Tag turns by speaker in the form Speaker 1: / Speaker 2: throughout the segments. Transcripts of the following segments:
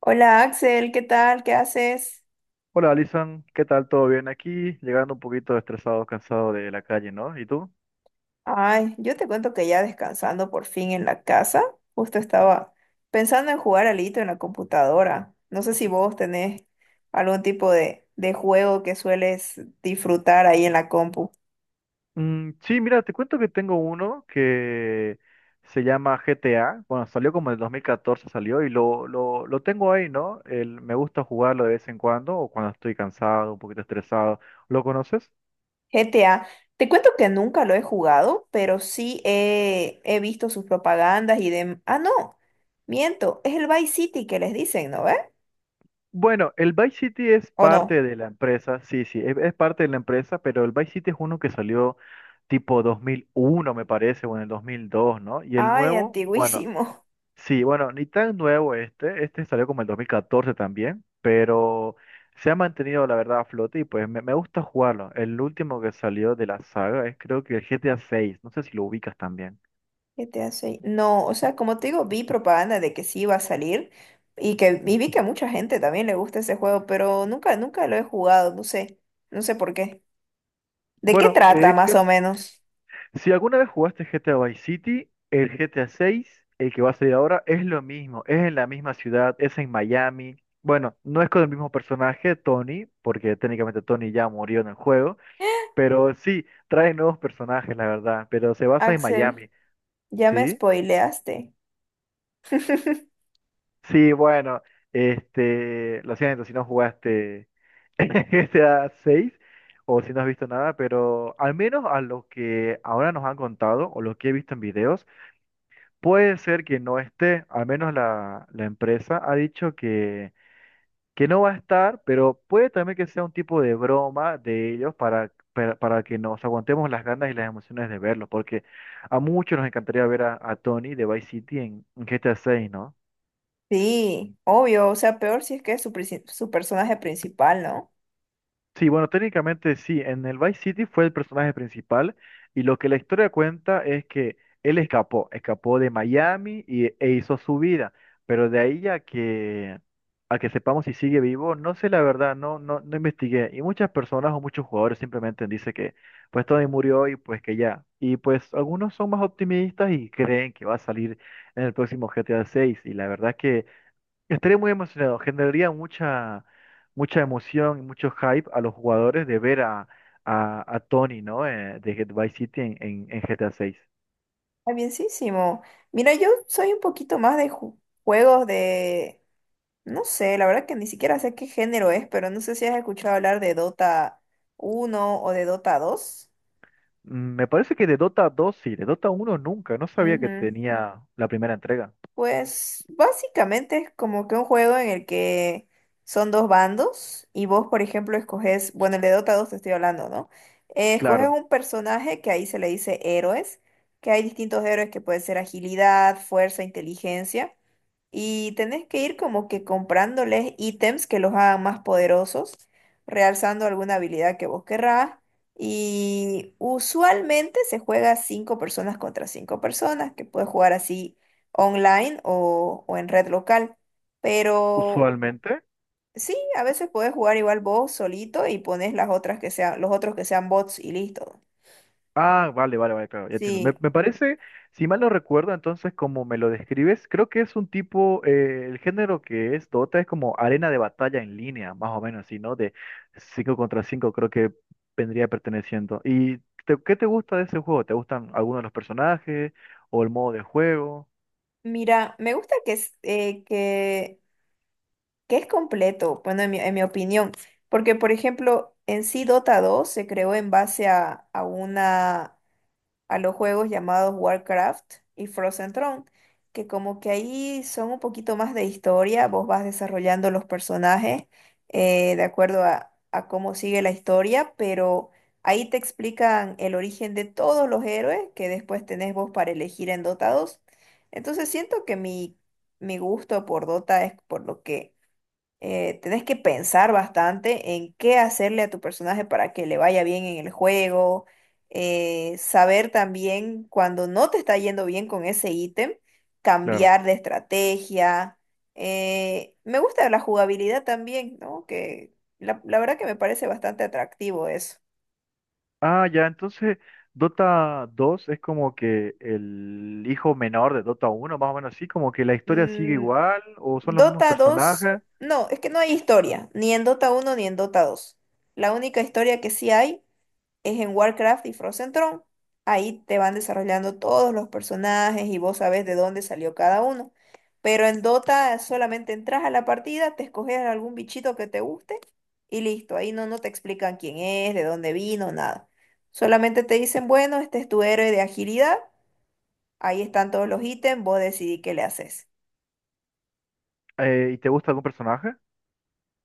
Speaker 1: Hola Axel, ¿qué tal? ¿Qué haces?
Speaker 2: Hola Alison, ¿qué tal? ¿Todo bien aquí? Llegando un poquito estresado, cansado de la calle, ¿no? ¿Y tú?
Speaker 1: Ay, yo te cuento que ya descansando por fin en la casa, justo estaba pensando en jugar alito en la computadora. No sé si vos tenés algún tipo de juego que sueles disfrutar ahí en la compu.
Speaker 2: Sí, mira, te cuento que tengo uno que se llama GTA. Bueno, salió como en el 2014 salió y lo tengo ahí, ¿no? Me gusta jugarlo de vez en cuando o cuando estoy cansado, un poquito estresado. ¿Lo conoces?
Speaker 1: GTA, te cuento que nunca lo he jugado, pero sí he visto sus propagandas y de... Ah, no, miento, es el Vice City que les dicen, ¿no ve?
Speaker 2: Bueno, el Vice City es
Speaker 1: ¿O no?
Speaker 2: parte de la empresa, sí, sí, es parte de la empresa, pero el Vice City es uno que salió tipo 2001, me parece, o en el 2002, ¿no? Y el
Speaker 1: Ay,
Speaker 2: nuevo, bueno.
Speaker 1: antiguísimo.
Speaker 2: Sí, bueno, ni tan nuevo este salió como en 2014 también, pero se ha mantenido la verdad a flote y pues me gusta jugarlo. El último que salió de la saga es creo que el GTA seis, no sé si lo ubicas también.
Speaker 1: GTA 6. No, o sea, como te digo, vi propaganda de que sí iba a salir y vi que a mucha gente también le gusta ese juego, pero nunca, nunca lo he jugado, no sé, no sé por qué. ¿De qué
Speaker 2: Bueno, no.
Speaker 1: trata más o menos?
Speaker 2: Si alguna vez jugaste GTA Vice City, el GTA seis, el que va a salir ahora, es lo mismo, es en la misma ciudad, es en Miami. Bueno, no es con el mismo personaje, Tony, porque técnicamente Tony ya murió en el juego, pero sí, trae nuevos personajes, la verdad, pero se basa en
Speaker 1: Axel,
Speaker 2: Miami.
Speaker 1: ya me
Speaker 2: Sí,
Speaker 1: spoileaste.
Speaker 2: sí, bueno, lo siento si no jugaste GTA 6 o si no has visto nada, pero al menos a lo que ahora nos han contado o lo que he visto en videos, puede ser que no esté, al menos la empresa ha dicho que no va a estar, pero puede también que sea un tipo de broma de ellos para que nos aguantemos las ganas y las emociones de verlo, porque a muchos nos encantaría ver a Tony de Vice City en GTA 6.
Speaker 1: Sí, obvio, o sea, peor si es que es su, su personaje principal, ¿no?
Speaker 2: Sí, bueno, técnicamente sí, en el Vice City fue el personaje principal y lo que la historia cuenta es que él escapó, escapó de Miami y, e hizo su vida, pero de ahí a a que sepamos si sigue vivo, no sé la verdad, no investigué y muchas personas o muchos jugadores simplemente dicen que pues Tony murió y pues que ya, y pues algunos son más optimistas y creen que va a salir en el próximo GTA 6 y la verdad es que estaría muy emocionado, generaría mucha emoción y mucho hype a los jugadores de ver a, a Tony, ¿no? De Vice City en GTA 6.
Speaker 1: Está bienísimo. Mira, yo soy un poquito más de juegos de... No sé, la verdad que ni siquiera sé qué género es, pero no sé si has escuchado hablar de Dota uno o de Dota dos.
Speaker 2: Me parece que de Dota 2 sí, de Dota 1 nunca, no sabía que
Speaker 1: Ujú.
Speaker 2: tenía la primera entrega.
Speaker 1: Pues básicamente es como que un juego en el que son dos bandos y vos, por ejemplo, escoges, bueno, el de Dota dos te estoy hablando, ¿no? Escoges
Speaker 2: Claro,
Speaker 1: un personaje que ahí se le dice héroes, que hay distintos héroes que puede ser agilidad, fuerza, inteligencia. Y tenés que ir como que comprándoles ítems que los hagan más poderosos, realzando alguna habilidad que vos querrás. Y usualmente se juega cinco personas contra cinco personas, que puedes jugar así online o en red local. Pero
Speaker 2: usualmente.
Speaker 1: sí, a veces puedes jugar igual vos solito y pones las otras que sean, los otros que sean bots y listo.
Speaker 2: Ah, vale, vale, vale, claro, ya entiendo.
Speaker 1: Sí,
Speaker 2: Me parece, si mal no recuerdo, entonces como me lo describes, creo que es un tipo, el género que es Dota es como arena de batalla en línea, más o menos, así, ¿no? De 5 contra 5, creo que vendría perteneciendo. ¿Y qué te gusta de ese juego? ¿Te gustan algunos de los personajes o el modo de juego?
Speaker 1: mira, me gusta que, que es completo, bueno, en mi opinión, porque por ejemplo, en sí Dota dos se creó en base a una a los juegos llamados Warcraft y Frozen Throne, que como que ahí son un poquito más de historia, vos vas desarrollando los personajes de acuerdo a cómo sigue la historia, pero ahí te explican el origen de todos los héroes que después tenés vos para elegir en Dota dos. Entonces siento que mi gusto por Dota es por lo que tenés que pensar bastante en qué hacerle a tu personaje para que le vaya bien en el juego, saber también cuando no te está yendo bien con ese ítem,
Speaker 2: Claro.
Speaker 1: cambiar de estrategia. Me gusta la jugabilidad también, ¿no? Que la verdad que me parece bastante atractivo eso.
Speaker 2: Ah, ya, entonces Dota 2 es como que el hijo menor de Dota 1, más o menos así, como que la historia sigue
Speaker 1: Mm,
Speaker 2: igual o son los mismos
Speaker 1: Dota dos,
Speaker 2: personajes.
Speaker 1: no, es que no hay historia, ni en Dota uno ni en Dota dos. La única historia que sí hay es en Warcraft y Frozen Throne. Ahí te van desarrollando todos los personajes y vos sabés de dónde salió cada uno. Pero en Dota solamente entras a la partida, te escoges algún bichito que te guste y listo. Ahí no, no te explican quién es, de dónde vino, nada. Solamente te dicen, bueno, este es tu héroe de agilidad. Ahí están todos los ítems, vos decidí qué le haces.
Speaker 2: ¿Y te gusta algún personaje?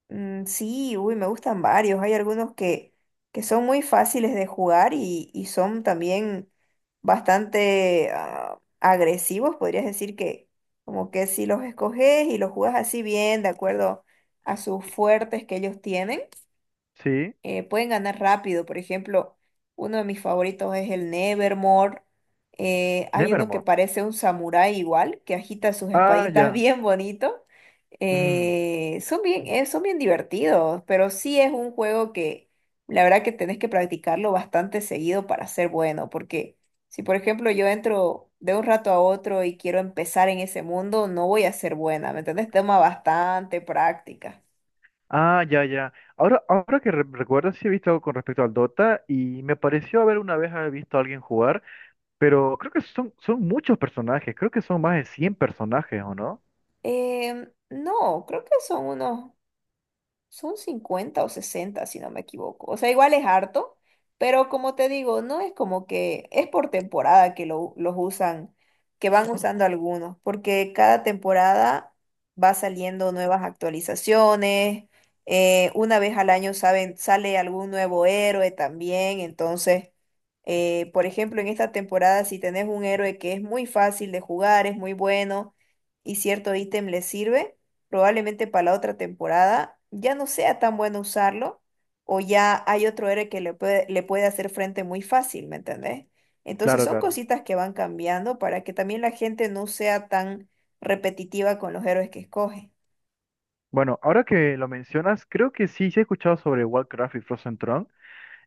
Speaker 1: Mm, sí, uy, me gustan varios. Hay algunos que son muy fáciles de jugar y son también bastante agresivos. Podrías decir que como que si los escoges y los juegas así bien, de acuerdo a sus fuertes que ellos tienen,
Speaker 2: Sí.
Speaker 1: pueden ganar rápido. Por ejemplo, uno de mis favoritos es el Nevermore. Hay uno que
Speaker 2: Nevermore.
Speaker 1: parece un samurái igual, que agita sus
Speaker 2: Ah,
Speaker 1: espaditas
Speaker 2: ya.
Speaker 1: bien bonito.
Speaker 2: Mm.
Speaker 1: Son bien, son bien divertidos, pero sí es un juego que la verdad que tenés que practicarlo bastante seguido para ser bueno, porque si por ejemplo yo entro de un rato a otro y quiero empezar en ese mundo, no voy a ser buena, ¿me entendés? Toma bastante práctica.
Speaker 2: Ah, ya, ya. Ahora, recuerdo, sí he visto algo con respecto al Dota y me pareció haber una vez haber visto a alguien jugar, pero creo que son muchos personajes, creo que son más de 100 personajes, ¿o no?
Speaker 1: No, creo que son unos... Son 50 o 60 si no me equivoco. O sea, igual es harto, pero como te digo, no es como que es por temporada que los usan, que van... Ujú. Usando algunos, porque cada temporada va saliendo nuevas actualizaciones. Una vez al año saben, sale algún nuevo héroe también. Entonces, por ejemplo, en esta temporada, si tenés un héroe que es muy fácil de jugar, es muy bueno y cierto ítem le sirve probablemente para la otra temporada ya no sea tan bueno usarlo o ya hay otro héroe que le puede hacer frente muy fácil, ¿me entendés? Entonces
Speaker 2: Claro,
Speaker 1: son
Speaker 2: claro.
Speaker 1: cositas que van cambiando para que también la gente no sea tan repetitiva con los héroes que escoge.
Speaker 2: Bueno, ahora que lo mencionas, creo que sí, sí he escuchado sobre Warcraft y Frozen Throne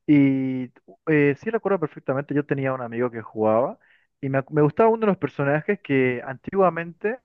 Speaker 2: y sí recuerdo perfectamente, yo tenía un amigo que jugaba y me gustaba uno de los personajes que antiguamente...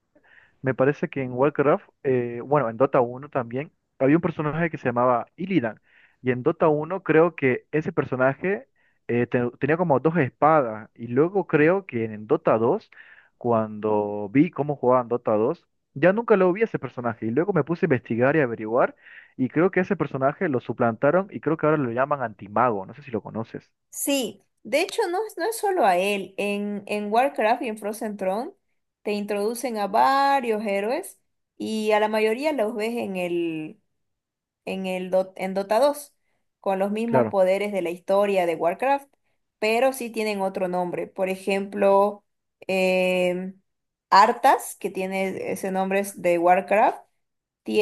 Speaker 2: Me parece que en Warcraft, bueno, en Dota 1 también, había un personaje que se llamaba Illidan. Y en Dota 1 creo que ese personaje tenía como dos espadas. Y luego creo que en Dota 2, cuando vi cómo jugaban Dota 2, ya nunca lo vi a ese personaje. Y luego me puse a investigar y averiguar. Y creo que ese personaje lo suplantaron y creo que ahora lo llaman Antimago. No sé si lo conoces.
Speaker 1: Sí, de hecho no es, no es solo a él, en Warcraft y en Frozen Throne te introducen a varios héroes y a la mayoría los ves en el en el en Dota 2, con los mismos
Speaker 2: Claro.
Speaker 1: poderes de la historia de Warcraft, pero sí tienen otro nombre. Por ejemplo, em, Arthas, que tiene ese nombre es de Warcraft,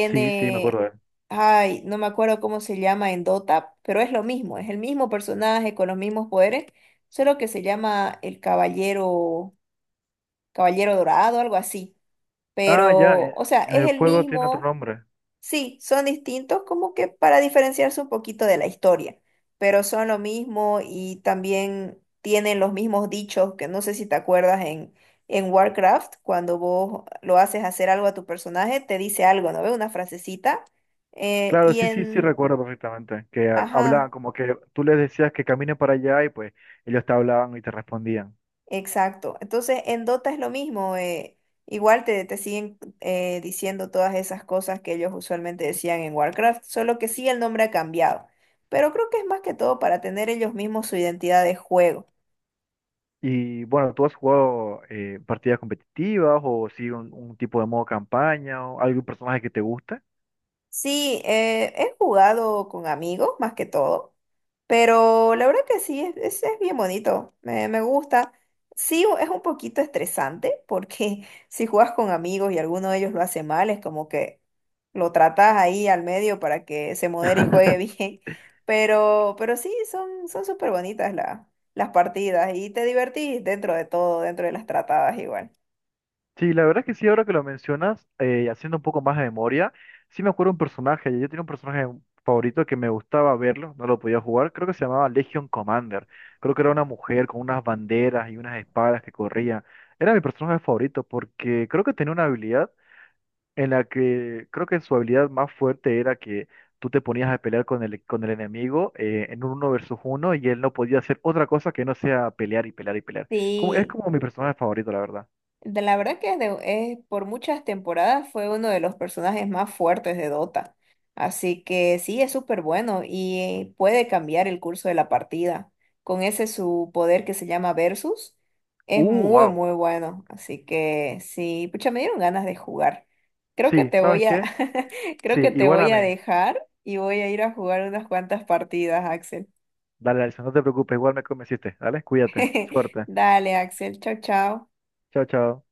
Speaker 2: Sí, sí, me acuerdo de él.
Speaker 1: ay, no me acuerdo cómo se llama en Dota, pero es lo mismo, es el mismo personaje con los mismos poderes, solo que se llama el Caballero, Caballero Dorado, algo así.
Speaker 2: Ah, ya,
Speaker 1: Pero, o sea,
Speaker 2: en
Speaker 1: es
Speaker 2: el
Speaker 1: el
Speaker 2: juego tiene otro
Speaker 1: mismo.
Speaker 2: nombre.
Speaker 1: Sí, son distintos como que para diferenciarse un poquito de la historia, pero son lo mismo y también tienen los mismos dichos que no sé si te acuerdas en Warcraft, cuando vos lo haces hacer algo a tu personaje, te dice algo, ¿no ves? Una frasecita. eh,
Speaker 2: Claro,
Speaker 1: y
Speaker 2: sí, sí, sí
Speaker 1: en,
Speaker 2: recuerdo perfectamente que ah, hablaban
Speaker 1: ajá,
Speaker 2: como que tú les decías que caminen para allá y pues ellos te hablaban y te respondían.
Speaker 1: exacto. Entonces, en Dota es lo mismo. Igual te, te siguen diciendo todas esas cosas que ellos usualmente decían en Warcraft, solo que sí el nombre ha cambiado. Pero creo que es más que todo para tener ellos mismos su identidad de juego.
Speaker 2: Y bueno, ¿tú has jugado partidas competitivas o sí un tipo de modo campaña o algún personaje que te guste?
Speaker 1: Sí, he jugado con amigos más que todo, pero la verdad que sí, es bien bonito, me gusta. Sí, es un poquito estresante porque si juegas con amigos y alguno de ellos lo hace mal, es como que lo tratas ahí al medio para que se modere y juegue bien. Pero sí, son, son súper bonitas las partidas y te divertís dentro de todo, dentro de las tratadas igual.
Speaker 2: Sí, la verdad que sí, ahora que lo mencionas, haciendo un poco más de memoria, sí me acuerdo un personaje. Yo tenía un personaje favorito que me gustaba verlo, no lo podía jugar, creo que se llamaba Legion Commander. Creo que era una mujer con unas banderas y unas espadas que corría. Era mi personaje favorito porque creo que tenía una habilidad en la que creo que su habilidad más fuerte era que tú te ponías a pelear con el enemigo en un uno versus uno y él no podía hacer otra cosa que no sea pelear y pelear y pelear. Como, es
Speaker 1: Sí.
Speaker 2: como mi personaje favorito, la verdad.
Speaker 1: De la verdad que por muchas temporadas fue uno de los personajes más fuertes de Dota. Así que sí, es súper bueno y puede cambiar el curso de la partida. Con ese su poder que se llama Versus, es muy,
Speaker 2: Wow.
Speaker 1: muy bueno. Así que sí, pucha, me dieron ganas de jugar. Creo que
Speaker 2: Sí,
Speaker 1: te voy
Speaker 2: ¿sabes
Speaker 1: a...
Speaker 2: qué? Sí,
Speaker 1: Creo que te
Speaker 2: igual a
Speaker 1: voy
Speaker 2: mí.
Speaker 1: a dejar y voy a ir a jugar unas cuantas partidas, Axel.
Speaker 2: Dale, Alison, no te preocupes, igual me convenciste. Dale, cuídate. Suerte.
Speaker 1: Dale, Axel, chao, chao.
Speaker 2: Chao, chao.